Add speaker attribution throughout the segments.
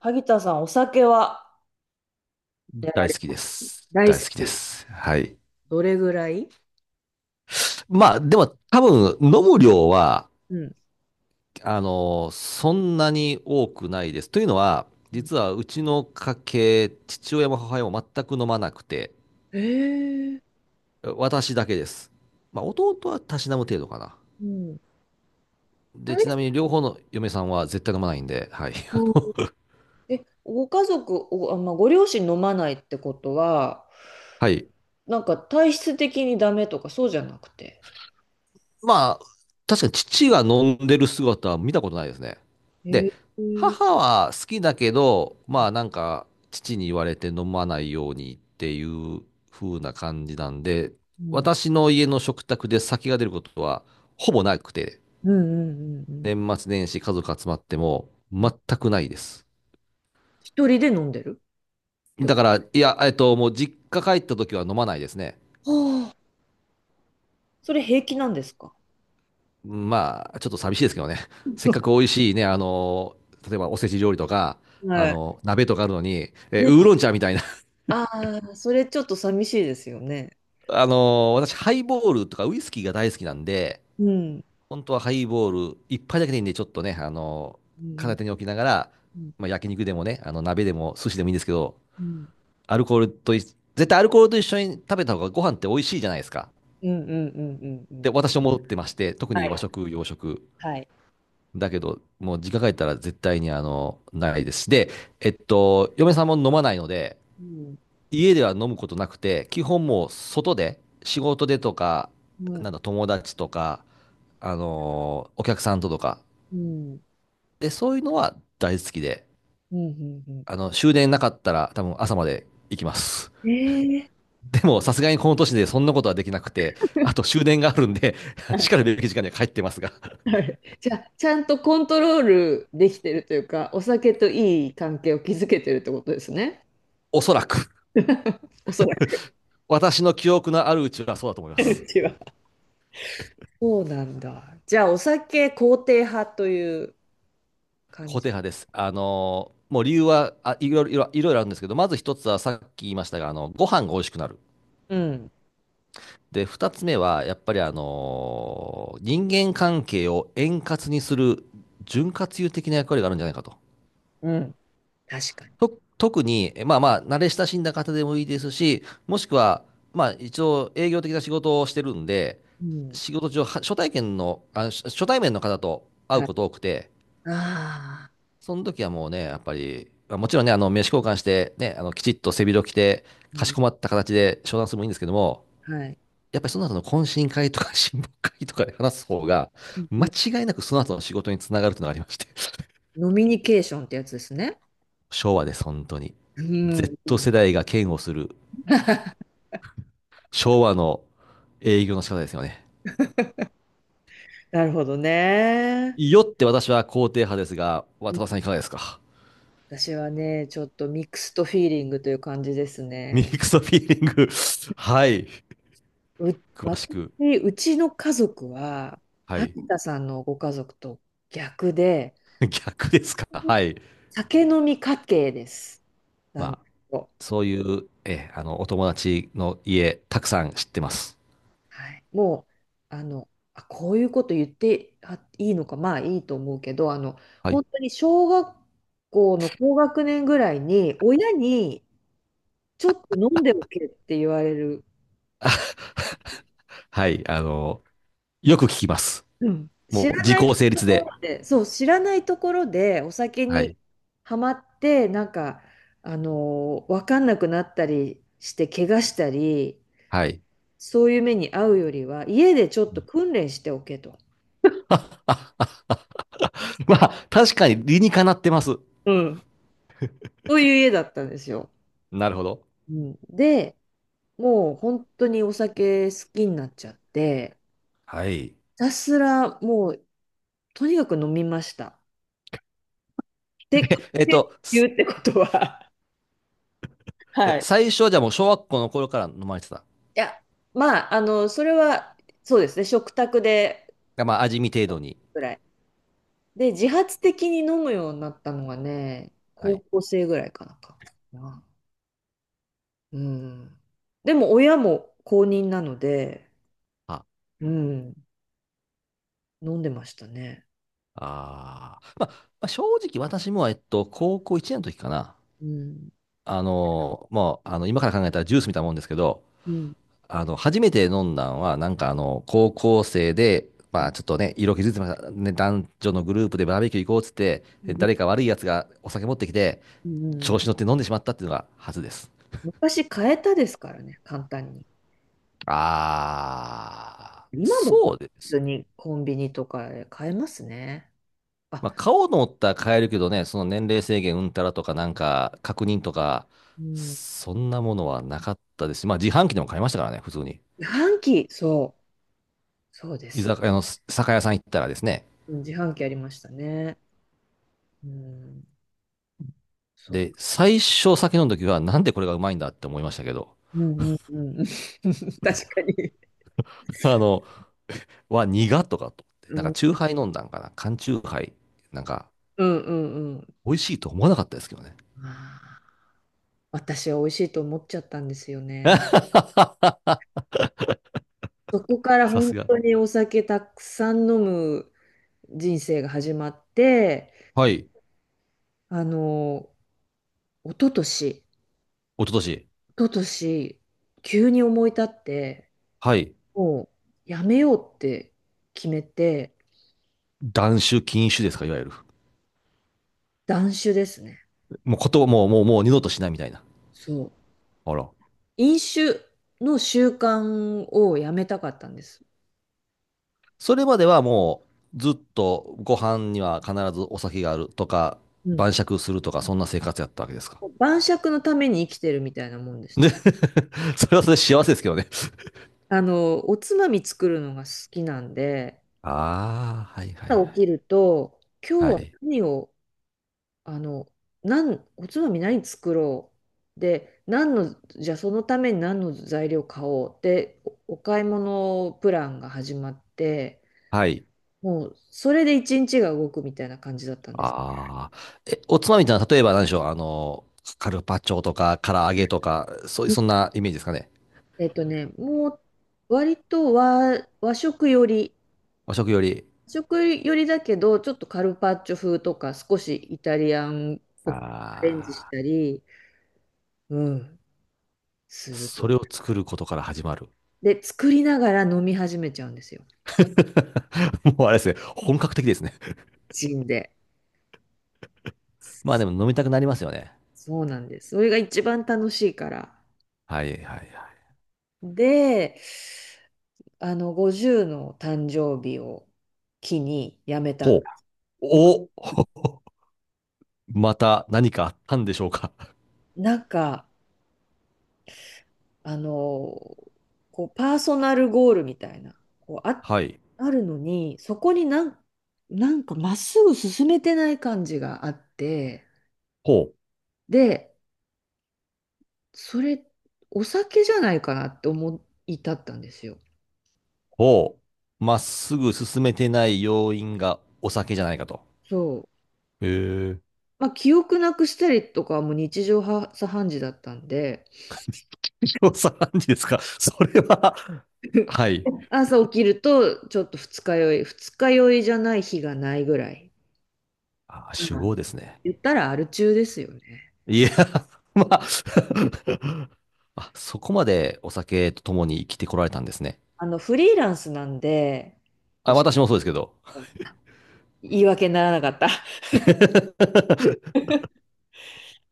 Speaker 1: 萩田さん、お酒は。やら
Speaker 2: 大
Speaker 1: れ
Speaker 2: 好きで
Speaker 1: た。
Speaker 2: す。
Speaker 1: 大
Speaker 2: 大
Speaker 1: 好
Speaker 2: 好きで
Speaker 1: き。
Speaker 2: す。はい。
Speaker 1: どれぐらい。
Speaker 2: まあ、でも多分飲む量は、
Speaker 1: うん。
Speaker 2: そんなに多くないです。というのは、
Speaker 1: うん、
Speaker 2: 実はうちの家系、父親も母親も全く飲まなくて、
Speaker 1: えー、
Speaker 2: 私だけです。まあ、弟はたしなむ程度かな。
Speaker 1: うん。大
Speaker 2: で、
Speaker 1: 好
Speaker 2: ちなみに
Speaker 1: き。
Speaker 2: 両方の嫁さんは絶対飲まないんで、はい。
Speaker 1: うん。え、ご家族、まあ、ご両親飲まないってことは、
Speaker 2: はい。
Speaker 1: なんか体質的にダメとかそうじゃなくて。
Speaker 2: まあ、確かに父が飲んでる姿は見たことないですね。
Speaker 1: え
Speaker 2: で、
Speaker 1: ー、
Speaker 2: 母は好きだけど、まあなんか、父に言われて飲まないようにっていう風な感じなんで、
Speaker 1: うん。
Speaker 2: 私の家の食卓で酒が出ることはほぼなくて、
Speaker 1: うん。うんうんうん
Speaker 2: 年末年始家族集まっても
Speaker 1: うん。
Speaker 2: 全くないです。
Speaker 1: 一人で飲んでるって
Speaker 2: だ
Speaker 1: こ
Speaker 2: から、いや、もう実家帰った時は飲まないですね。
Speaker 1: とは、あ、それ平気なんですか？
Speaker 2: まあ、ちょっと寂しいですけどね。せっかく美味しいね、例えばおせち料理とか、
Speaker 1: はい。
Speaker 2: 鍋とかあるのに、
Speaker 1: ね。
Speaker 2: ウーロン茶みたいな。
Speaker 1: ああー、それちょっと寂しいですよね。
Speaker 2: 私、ハイボールとかウイスキーが大好きなんで、
Speaker 1: うん。
Speaker 2: 本当はハイボール一杯だけでいいんで、ちょっとね、
Speaker 1: う
Speaker 2: 片
Speaker 1: ん。
Speaker 2: 手に置きながら、
Speaker 1: うん。
Speaker 2: まあ、焼肉でもね、鍋でも寿司でもいいんですけど、
Speaker 1: うん
Speaker 2: アルコールとい、絶対アルコールと一緒に食べた方がご飯って美味しいじゃないですか。
Speaker 1: うんうんうんうん
Speaker 2: っ
Speaker 1: う
Speaker 2: て
Speaker 1: ん。
Speaker 2: 私思ってまして、特
Speaker 1: は
Speaker 2: に
Speaker 1: い。
Speaker 2: 和食、洋食。
Speaker 1: はい。
Speaker 2: だけど、もう実家帰ったら絶対にないですし。で、嫁さんも飲まないので、
Speaker 1: うん。
Speaker 2: 家では飲むことなくて、基本もう外で、仕事でとか、
Speaker 1: うん。
Speaker 2: なんだ、友達とか、お客さんととか。
Speaker 1: うん。
Speaker 2: で、そういうのは大好きで、
Speaker 1: うんうんう
Speaker 2: 終電なかったら多分朝まで行きます。
Speaker 1: ん。ええ、
Speaker 2: でも、さすがにこの年でそんなことはできなくて、あと終電があるんで、しかるべき時間には帰ってますが、
Speaker 1: はい。じゃあ、ちゃんとコントロールできてるというか、お酒といい関係を築けてるってことですね。
Speaker 2: おそらく、
Speaker 1: おそらく。
Speaker 2: 私の記憶のあるうちはそうだと思います。
Speaker 1: うちは。そうなんだ。じゃあ、お酒肯定派という感
Speaker 2: 固
Speaker 1: じ。
Speaker 2: 定派です。もう理由はいろいろあるんですけど、まず一つはさっき言いましたが、ご飯が美味しくなる。
Speaker 1: うん。
Speaker 2: で、二つ目はやっぱり人間関係を円滑にする潤滑油的な役割があるんじゃないかと。
Speaker 1: うん。確かに。
Speaker 2: 特に、まあまあ、慣れ親しんだ方でもいいですし、もしくは、まあ一応営業的な仕事をしてるんで、
Speaker 1: うん。
Speaker 2: 仕事上、は初体験の、あ、初初対面の方と会う
Speaker 1: はい。
Speaker 2: こと多くて、
Speaker 1: ああ。
Speaker 2: その時はもうね、やっぱり、まあもちろんね、名刺交換して、ね、きちっと背広着て、
Speaker 1: う
Speaker 2: かし
Speaker 1: ん。
Speaker 2: こまった形で商談するのもいいんですけども、
Speaker 1: はい。
Speaker 2: やっぱりその後の懇親会とか 親睦会とかで話す方が、
Speaker 1: うんう
Speaker 2: 間
Speaker 1: ん。
Speaker 2: 違いなくその後の仕事につながるというのがありまして、
Speaker 1: 飲みニケーションってやつですね。
Speaker 2: 昭和です、本当に。
Speaker 1: うん。う
Speaker 2: Z
Speaker 1: ん。
Speaker 2: 世代が嫌悪する 昭和の営業の仕方ですよね。
Speaker 1: なるほどね。
Speaker 2: よって私は肯定派ですが、渡辺さんいかがですか？
Speaker 1: 私はね、ちょっとミックストフィーリングという感じです
Speaker 2: ミ
Speaker 1: ね。
Speaker 2: ックスフィーリング はい。
Speaker 1: う、
Speaker 2: 詳し
Speaker 1: 私、
Speaker 2: く。
Speaker 1: うちの家族は、
Speaker 2: はい。
Speaker 1: 萩田さんのご家族と逆で、
Speaker 2: 逆ですか？はい。
Speaker 1: 酒飲み家系です。なん
Speaker 2: まあ、
Speaker 1: と、
Speaker 2: そういう、え、あの、お友達の家、たくさん知ってます。
Speaker 1: はい、もう、こういうこと言ってあいいのか、まあいいと思うけど、
Speaker 2: はい。
Speaker 1: 本当に小学校の高学年ぐらいに、親にちょっと飲んでおけって言われる。
Speaker 2: はい、よく聞きます。
Speaker 1: うん。知
Speaker 2: もう、
Speaker 1: ら
Speaker 2: 時
Speaker 1: ない
Speaker 2: 効成
Speaker 1: と
Speaker 2: 立
Speaker 1: ころ
Speaker 2: で。
Speaker 1: で、そう、知らないところでお酒
Speaker 2: は
Speaker 1: に
Speaker 2: い、
Speaker 1: はまって、なんか、わかんなくなったりして、怪我したり、
Speaker 2: はい。
Speaker 1: そういう目に遭うよりは、家でちょっと訓練しておけと。
Speaker 2: あ、まあ、確かに理にかなってます。
Speaker 1: うん。そういう家だったんですよ。
Speaker 2: なるほど。
Speaker 1: うん、で、もう本当にお酒好きになっちゃって、
Speaker 2: はい。
Speaker 1: ひたすらもうとにかく飲みました。で、って
Speaker 2: ええっと、
Speaker 1: 言
Speaker 2: す
Speaker 1: うってことは、はい。
Speaker 2: 最初はじゃあもう小学校の頃から飲まれてた？
Speaker 1: いや、まあ、それは、そうですね、食卓で
Speaker 2: がまあ、味見程度に。
Speaker 1: ぐらい。で、自発的に飲むようになったのがね、
Speaker 2: は
Speaker 1: 高
Speaker 2: い。
Speaker 1: 校生ぐらいかなかな。うん。でも、親も公認なので、
Speaker 2: あ、
Speaker 1: うん、飲んでましたね。
Speaker 2: まあ、まあ正直私も、高校1年の時かな。
Speaker 1: うん。
Speaker 2: もう、今から考えたらジュースみたいなもんですけど、
Speaker 1: うん。
Speaker 2: 初めて飲んだんは、なんか高校生で、
Speaker 1: う
Speaker 2: まあ
Speaker 1: ん。
Speaker 2: ちょっとね、色気づいてました。ね、男女のグループでバーベキュー行こうっつって、
Speaker 1: う
Speaker 2: で
Speaker 1: ん
Speaker 2: 誰か悪いやつがお酒持ってきて、
Speaker 1: うんう
Speaker 2: 調
Speaker 1: ん。
Speaker 2: 子乗って飲んでしまったっていうのが初です。
Speaker 1: 昔買えたですからね、簡単に。今も
Speaker 2: そうです
Speaker 1: 普
Speaker 2: ね。
Speaker 1: にコンビニとかで買えますね。
Speaker 2: ま
Speaker 1: あ、
Speaker 2: あ顔のったら変えるけどね、その年齢制限うんたらとかなんか確認とか、
Speaker 1: うん。
Speaker 2: そんなものはなかったですし、まあ自販機でも買いましたからね、普通に。
Speaker 1: 自販機、そう、そうで
Speaker 2: 居酒
Speaker 1: す。
Speaker 2: 屋の酒屋さん行ったらですね、
Speaker 1: うん、自販機ありましたね。うん、そう。
Speaker 2: で、最初酒飲んだ時は、なんでこれがうまいんだって思いましたけど、
Speaker 1: うんうんうん。確かに。
Speaker 2: あの、は苦とかと思って、
Speaker 1: う
Speaker 2: なんか、
Speaker 1: ん、
Speaker 2: チューハイ飲んだんかな、缶チューハイ、なんか、
Speaker 1: うんうんうん。
Speaker 2: 美味しいと思わなかったですけどね。
Speaker 1: まあー、私は美味しいと思っちゃったんですよね。そこから
Speaker 2: さ
Speaker 1: 本
Speaker 2: すが。
Speaker 1: 当にお酒たくさん飲む人生が始まって、
Speaker 2: はい。一
Speaker 1: あの、一昨年、
Speaker 2: 昨年。
Speaker 1: 一昨年、急に思い立って、
Speaker 2: はい。
Speaker 1: もうやめようって決めて、
Speaker 2: 断酒禁酒ですか、いわゆる。
Speaker 1: 断酒ですね。
Speaker 2: もうこともう、もう、もう二度としないみたいな。
Speaker 1: そう。
Speaker 2: あら。
Speaker 1: 飲酒の習慣をやめたかったんです。
Speaker 2: それまではもう、ずっとご飯には必ずお酒があるとか、
Speaker 1: うん。
Speaker 2: 晩酌するとか、そんな生活やったわけですか？
Speaker 1: 晩酌のために生きてるみたいなもんでした
Speaker 2: で、
Speaker 1: ね。
Speaker 2: それはそれで幸せですけどね。
Speaker 1: おつまみ作るのが好きなんで、
Speaker 2: ああ、はいはい
Speaker 1: 朝起
Speaker 2: はい。
Speaker 1: きると、今日
Speaker 2: は
Speaker 1: は
Speaker 2: い。
Speaker 1: 何を、あの、おつまみ何作ろう。で、じゃあそのために何の材料買おう。で、おお買い物プランが始まって、
Speaker 2: はい。
Speaker 1: もうそれで一日が動くみたいな感じだったんです。
Speaker 2: ああ。おつまみってのは、例えば何でしょう、カルパッチョとか、唐揚げとか、そういう、そんなイメージですかね？
Speaker 1: もう割と和食より、
Speaker 2: 和食より。
Speaker 1: 和食よりだけど、ちょっとカルパッチョ風とか、少しイタリアンっぽくアレンジし
Speaker 2: あ
Speaker 1: た
Speaker 2: あ。
Speaker 1: り、うん、すると
Speaker 2: それ
Speaker 1: いう。
Speaker 2: を作ることから始まる。
Speaker 1: で、作りながら飲み始めちゃうんですよ。
Speaker 2: もうあれですね。本格的ですね。
Speaker 1: ジンで。
Speaker 2: まあでも飲みたくなりますよね。
Speaker 1: そうなんです。それが一番楽しいから。
Speaker 2: はいはいはい。
Speaker 1: で、50の誕生日を機にやめたん
Speaker 2: ほ
Speaker 1: だ。
Speaker 2: う。お、また何かあったんでしょうか？
Speaker 1: なんか、あの、こう、パーソナルゴールみたいな、こう、
Speaker 2: はい。
Speaker 1: あるのに、そこになんかまっすぐ進めてない感じがあって、
Speaker 2: ほう。
Speaker 1: で、それ、お酒じゃないかなって思い至ったんですよ。
Speaker 2: ほう。まっすぐ進めてない要因がお酒じゃないかと。
Speaker 1: そう。
Speaker 2: へえ。
Speaker 1: まあ、記憶なくしたりとかはもう日常茶飯事だったんで、
Speaker 2: 調査判事ですか？ それは、はい。
Speaker 1: 朝起きると、ちょっと二日酔い、二日酔いじゃない日がないぐらい。
Speaker 2: あ、
Speaker 1: うん、
Speaker 2: 酒豪ですね。
Speaker 1: 言ったらアル中ですよね。
Speaker 2: いや、まあ あ、そこまでお酒と共に生きてこられたんですね。
Speaker 1: フリーランスなんで、お
Speaker 2: あ、
Speaker 1: 仕
Speaker 2: 私もそうですけど。
Speaker 1: 言い訳にならなかった。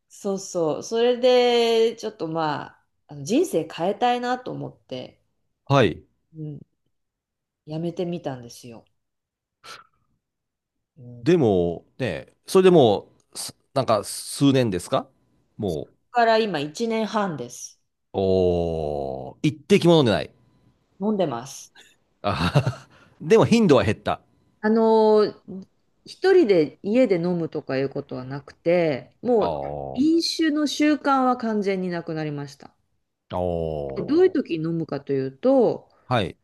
Speaker 1: そうそう。それで、ちょっとまあ、人生変えたいなと思って、
Speaker 2: はい。
Speaker 1: うん、やめてみたんですよ。うん。だ
Speaker 2: でも、ね、それでもう、なんか数年ですか？もう、
Speaker 1: から今1年半です。
Speaker 2: おー、一滴も飲んでない？
Speaker 1: 飲んでます。
Speaker 2: あはは。でも頻度は減った。
Speaker 1: あのー一人で家で飲むとかいうことはなくて、もう
Speaker 2: お
Speaker 1: 飲酒の習慣は完全になくなりました。
Speaker 2: ー、
Speaker 1: でどういう
Speaker 2: お
Speaker 1: 時に飲むかというと、
Speaker 2: ー。はい。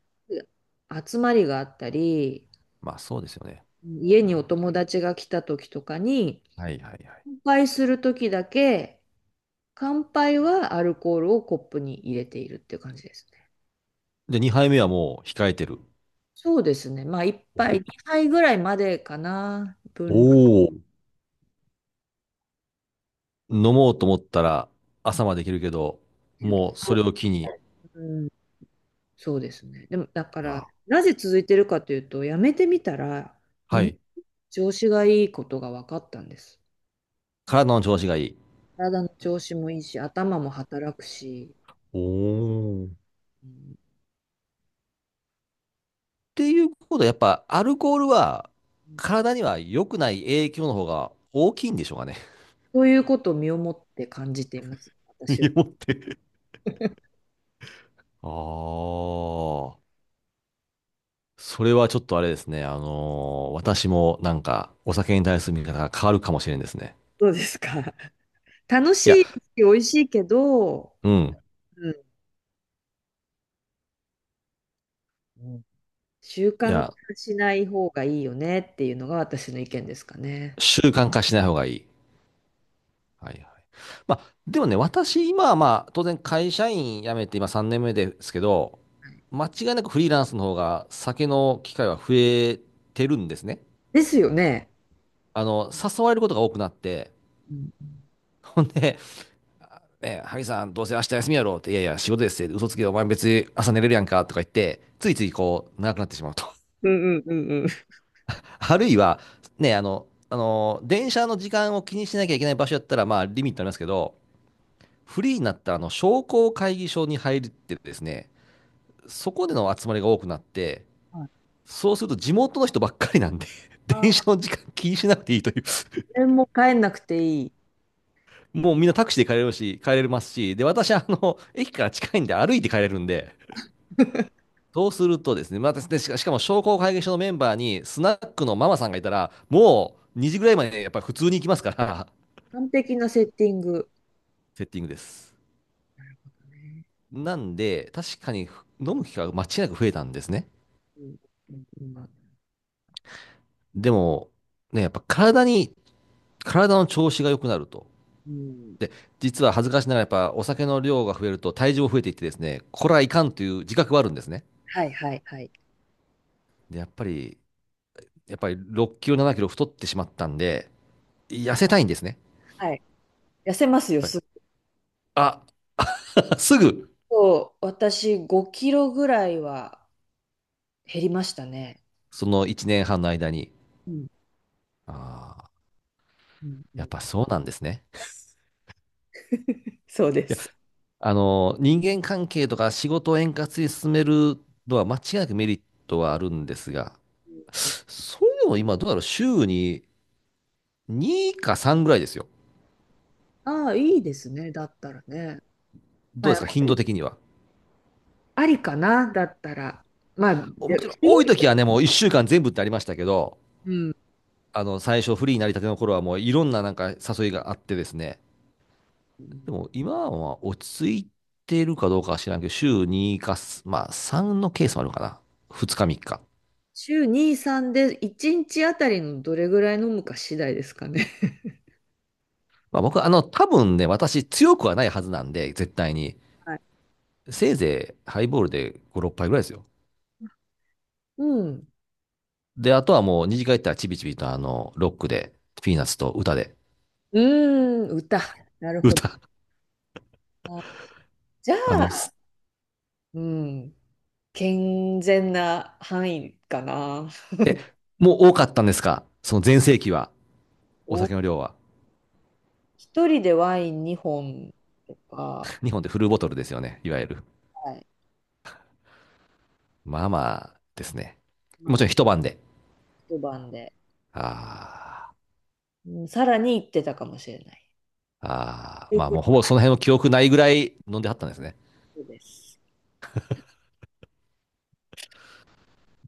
Speaker 1: 集まりがあったり、
Speaker 2: まあそうですよね。
Speaker 1: 家にお友達が来た時とかに、
Speaker 2: はいはいはい。
Speaker 1: 乾杯するときだけ、乾杯はアルコールをコップに入れているっていう感じですね。
Speaker 2: で、2杯目はもう控えてる？
Speaker 1: そうですね。まあ、1杯、2杯ぐらいまでかな。分量
Speaker 2: おお。飲もうと思ったら朝までいけるけど、
Speaker 1: で言う
Speaker 2: もうそ
Speaker 1: と、
Speaker 2: れを機に、い
Speaker 1: うん、そうですね。でも、だから、
Speaker 2: や。
Speaker 1: なぜ続いてるかというと、やめてみたら、
Speaker 2: は
Speaker 1: もの
Speaker 2: い、
Speaker 1: 調子がいいことが分かったんです。
Speaker 2: 体の調子がいい。
Speaker 1: 体の調子もいいし、頭も働くし、
Speaker 2: っ
Speaker 1: うん、
Speaker 2: ていうことは、やっぱアルコールは体には良くない影響の方が大きいんでしょうかね？
Speaker 1: そういうことを身をもって感じています、
Speaker 2: 身
Speaker 1: 私は。
Speaker 2: をもって。ああ。それはちょっとあれですね。私もなんかお酒に対する見方が変わるかもしれんですね。
Speaker 1: どうですか？ 楽し
Speaker 2: いや、
Speaker 1: いし、美味しいけど、
Speaker 2: うん。
Speaker 1: うんうん、習
Speaker 2: い
Speaker 1: 慣
Speaker 2: や、
Speaker 1: 化しない方がいいよねっていうのが私の意見ですかね。
Speaker 2: 習慣化しない方がいい。はいはい。まあ、でもね、私、今はまあ、当然会社員辞めて今3年目ですけど、
Speaker 1: はい、
Speaker 2: 間違いなくフリーランスの方が酒の機会は増えてるんですね。
Speaker 1: ですよね。
Speaker 2: 誘われることが多くなって、
Speaker 1: うん
Speaker 2: ほんで、ね、萩さん、どうせ明日休みやろうって、いやいや、仕事ですって、嘘つけ、お前別に朝寝れるやんかとか言って、ついついこう、長くなってしまうと。
Speaker 1: うんうんうん、
Speaker 2: あるいは、ね、電車の時間を気にしなきゃいけない場所やったら、まあ、リミットありますけど、フリーになったあの商工会議所に入ってですね、そこでの集まりが多くなって、
Speaker 1: はい、
Speaker 2: そうすると地元の人ばっかりなんで、
Speaker 1: あ、
Speaker 2: 電
Speaker 1: こ
Speaker 2: 車の時間気にしなくていいという、
Speaker 1: れも変えなくていい。
Speaker 2: もうみんなタクシーで帰れるし、帰れますし、で、私、駅から近いんで歩いて帰れるんで、そうするとですね、また、でしかしかも商工会議所のメンバーにスナックのママさんがいたら、もう2時ぐらいまでやっぱり普通に行きますから、
Speaker 1: 完璧なセッティング。
Speaker 2: セッティングです。
Speaker 1: ね。
Speaker 2: なんで、確かに飲む機会が間違いなく増えたんですね。
Speaker 1: うんうんうん
Speaker 2: でも、ね、やっぱ体に、体の調子が良くなると。
Speaker 1: うん、
Speaker 2: で、実は恥ずかしながらやっぱお酒の量が増えると体重も増えていってですね、これはいかんという自覚はあるんですね。
Speaker 1: はいはいはい。
Speaker 2: で、やっぱり6キロ、7キロ太ってしまったんで、痩せたいんですね。
Speaker 1: はい。痩せ
Speaker 2: や
Speaker 1: ます
Speaker 2: っ
Speaker 1: よ。
Speaker 2: ぱり
Speaker 1: すっ
Speaker 2: あ、すぐ、
Speaker 1: と、私5キロぐらいは減りましたね。
Speaker 2: その1年半の間に、
Speaker 1: うん
Speaker 2: ああ、
Speaker 1: うんう
Speaker 2: やっ
Speaker 1: ん、
Speaker 2: ぱそうなんですね。
Speaker 1: そうで
Speaker 2: いや、
Speaker 1: す。
Speaker 2: 人間関係とか仕事を円滑に進めるのは間違いなくメリットはあるんですが、そういうのも今どうだろう、週に2か3ぐらいですよ。
Speaker 1: ああ、いいですね。だったらね。ま
Speaker 2: どうで
Speaker 1: あ
Speaker 2: すか、頻度的には。
Speaker 1: ありかな、だったら。まあ、で、
Speaker 2: ちろん多い時はね、もう1週間全部ってありましたけど、
Speaker 1: うん。
Speaker 2: 最初フリーになりたての頃はもういろんななんか誘いがあってですね、でも今は落ち着いてるかどうかは知らんけど、週2か、まあ3のケースもあるのかな。2日3日。
Speaker 1: 週2、3で1日あたりのどれぐらい飲むか次第ですかね。
Speaker 2: まあ僕、多分ね、私強くはないはずなんで、絶対に。
Speaker 1: はい。
Speaker 2: せいぜいハイボールで5、6杯ぐらいですよ。
Speaker 1: うん。
Speaker 2: で、あとはもう二次会行ったらチビチビとロックで、ピーナッツと歌で、
Speaker 1: うーん、歌。なるほど。
Speaker 2: 歌。
Speaker 1: あ、じゃ
Speaker 2: あの、
Speaker 1: あ、うん、健全な範囲かな。
Speaker 2: え、もう多かったんですかその全盛期は、お
Speaker 1: お、
Speaker 2: 酒の量は。
Speaker 1: 一人でワイン2本とか、
Speaker 2: 日本でフルボトルですよね。いわゆる。
Speaker 1: はい。
Speaker 2: まあまあですね。
Speaker 1: まあ、
Speaker 2: もちろん一晩で。
Speaker 1: 一晩で、
Speaker 2: あー
Speaker 1: うん、さらに行ってたかもしれない。という
Speaker 2: まあ
Speaker 1: こ
Speaker 2: もうほぼその辺の記憶ないぐらい飲んではったんですね。
Speaker 1: とです。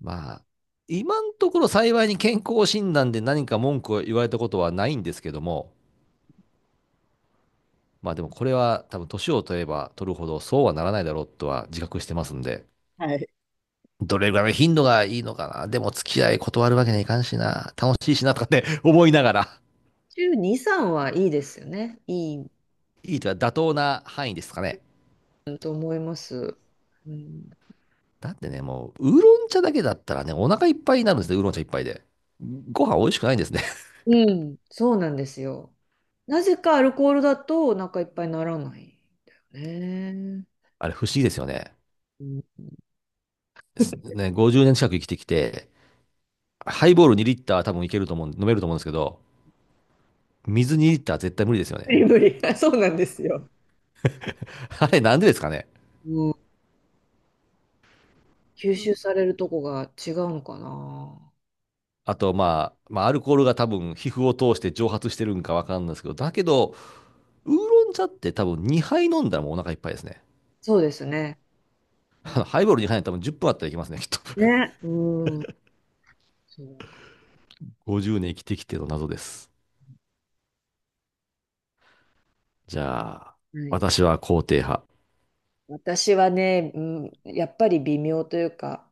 Speaker 2: まあ、今のところ幸いに健康診断で何か文句を言われたことはないんですけども、まあでもこれは多分年を取れば取るほどそうはならないだろうとは自覚してますんで、
Speaker 1: はい。
Speaker 2: どれぐらいの頻度がいいのかな。でも付き合い断るわけにはいかんしな。楽しいしなとかって 思いながら、
Speaker 1: 週2、3はいいですよね。いい、
Speaker 2: いいとは妥当な範囲ですかね。
Speaker 1: うんと思います。うん、
Speaker 2: だってね、もう、ウーロン茶だけだったらね、お腹いっぱいになるんですね、ウーロン茶一杯で。ご飯美味しくないんですね。
Speaker 1: うん、そうなんですよ。なぜかアルコールだとお腹いっぱいにならないんだよね。
Speaker 2: あれ不思議ですよね。
Speaker 1: うん、
Speaker 2: すね、50年近く生きてきて、ハイボール2リッター多分いけると思う、飲めると思うんですけど、水2リッター絶対無理ですよ
Speaker 1: 無
Speaker 2: ね。
Speaker 1: 理無理。そうなんですよ。
Speaker 2: あれなんでですかね。
Speaker 1: うん、吸収されるとこが違うのかな。
Speaker 2: あと、まあ、アルコールが多分皮膚を通して蒸発してるんかわかんないですけど、だけど、ウーロン茶って多分2杯飲んだらもうお腹いっぱいですね。
Speaker 1: そうですね。うん、
Speaker 2: ハイボール2杯はい多分10分あったらいけますね、きっと。
Speaker 1: ね、うん、そうか。
Speaker 2: 50年生きてきての謎です。じゃあ、
Speaker 1: はい。
Speaker 2: 私は肯定派。
Speaker 1: 私はね、うん、やっぱり微妙というか、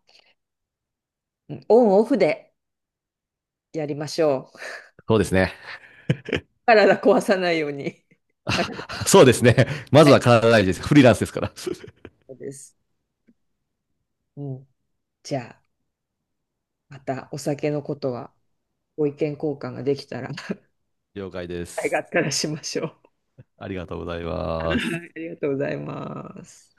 Speaker 1: うんオンオフでやりましょう。
Speaker 2: そうですね。
Speaker 1: 体壊さないように。
Speaker 2: あそうですね。ま
Speaker 1: は
Speaker 2: ず
Speaker 1: い、
Speaker 2: は体大事です。フリーランスですから。
Speaker 1: そうです。うん、じゃあ。またお酒のことはご意見交換ができたら
Speaker 2: 了解で
Speaker 1: ありがっ
Speaker 2: す。
Speaker 1: たらしましょ
Speaker 2: ありがとうござい
Speaker 1: う。
Speaker 2: ます。
Speaker 1: はい、ありがとうございます。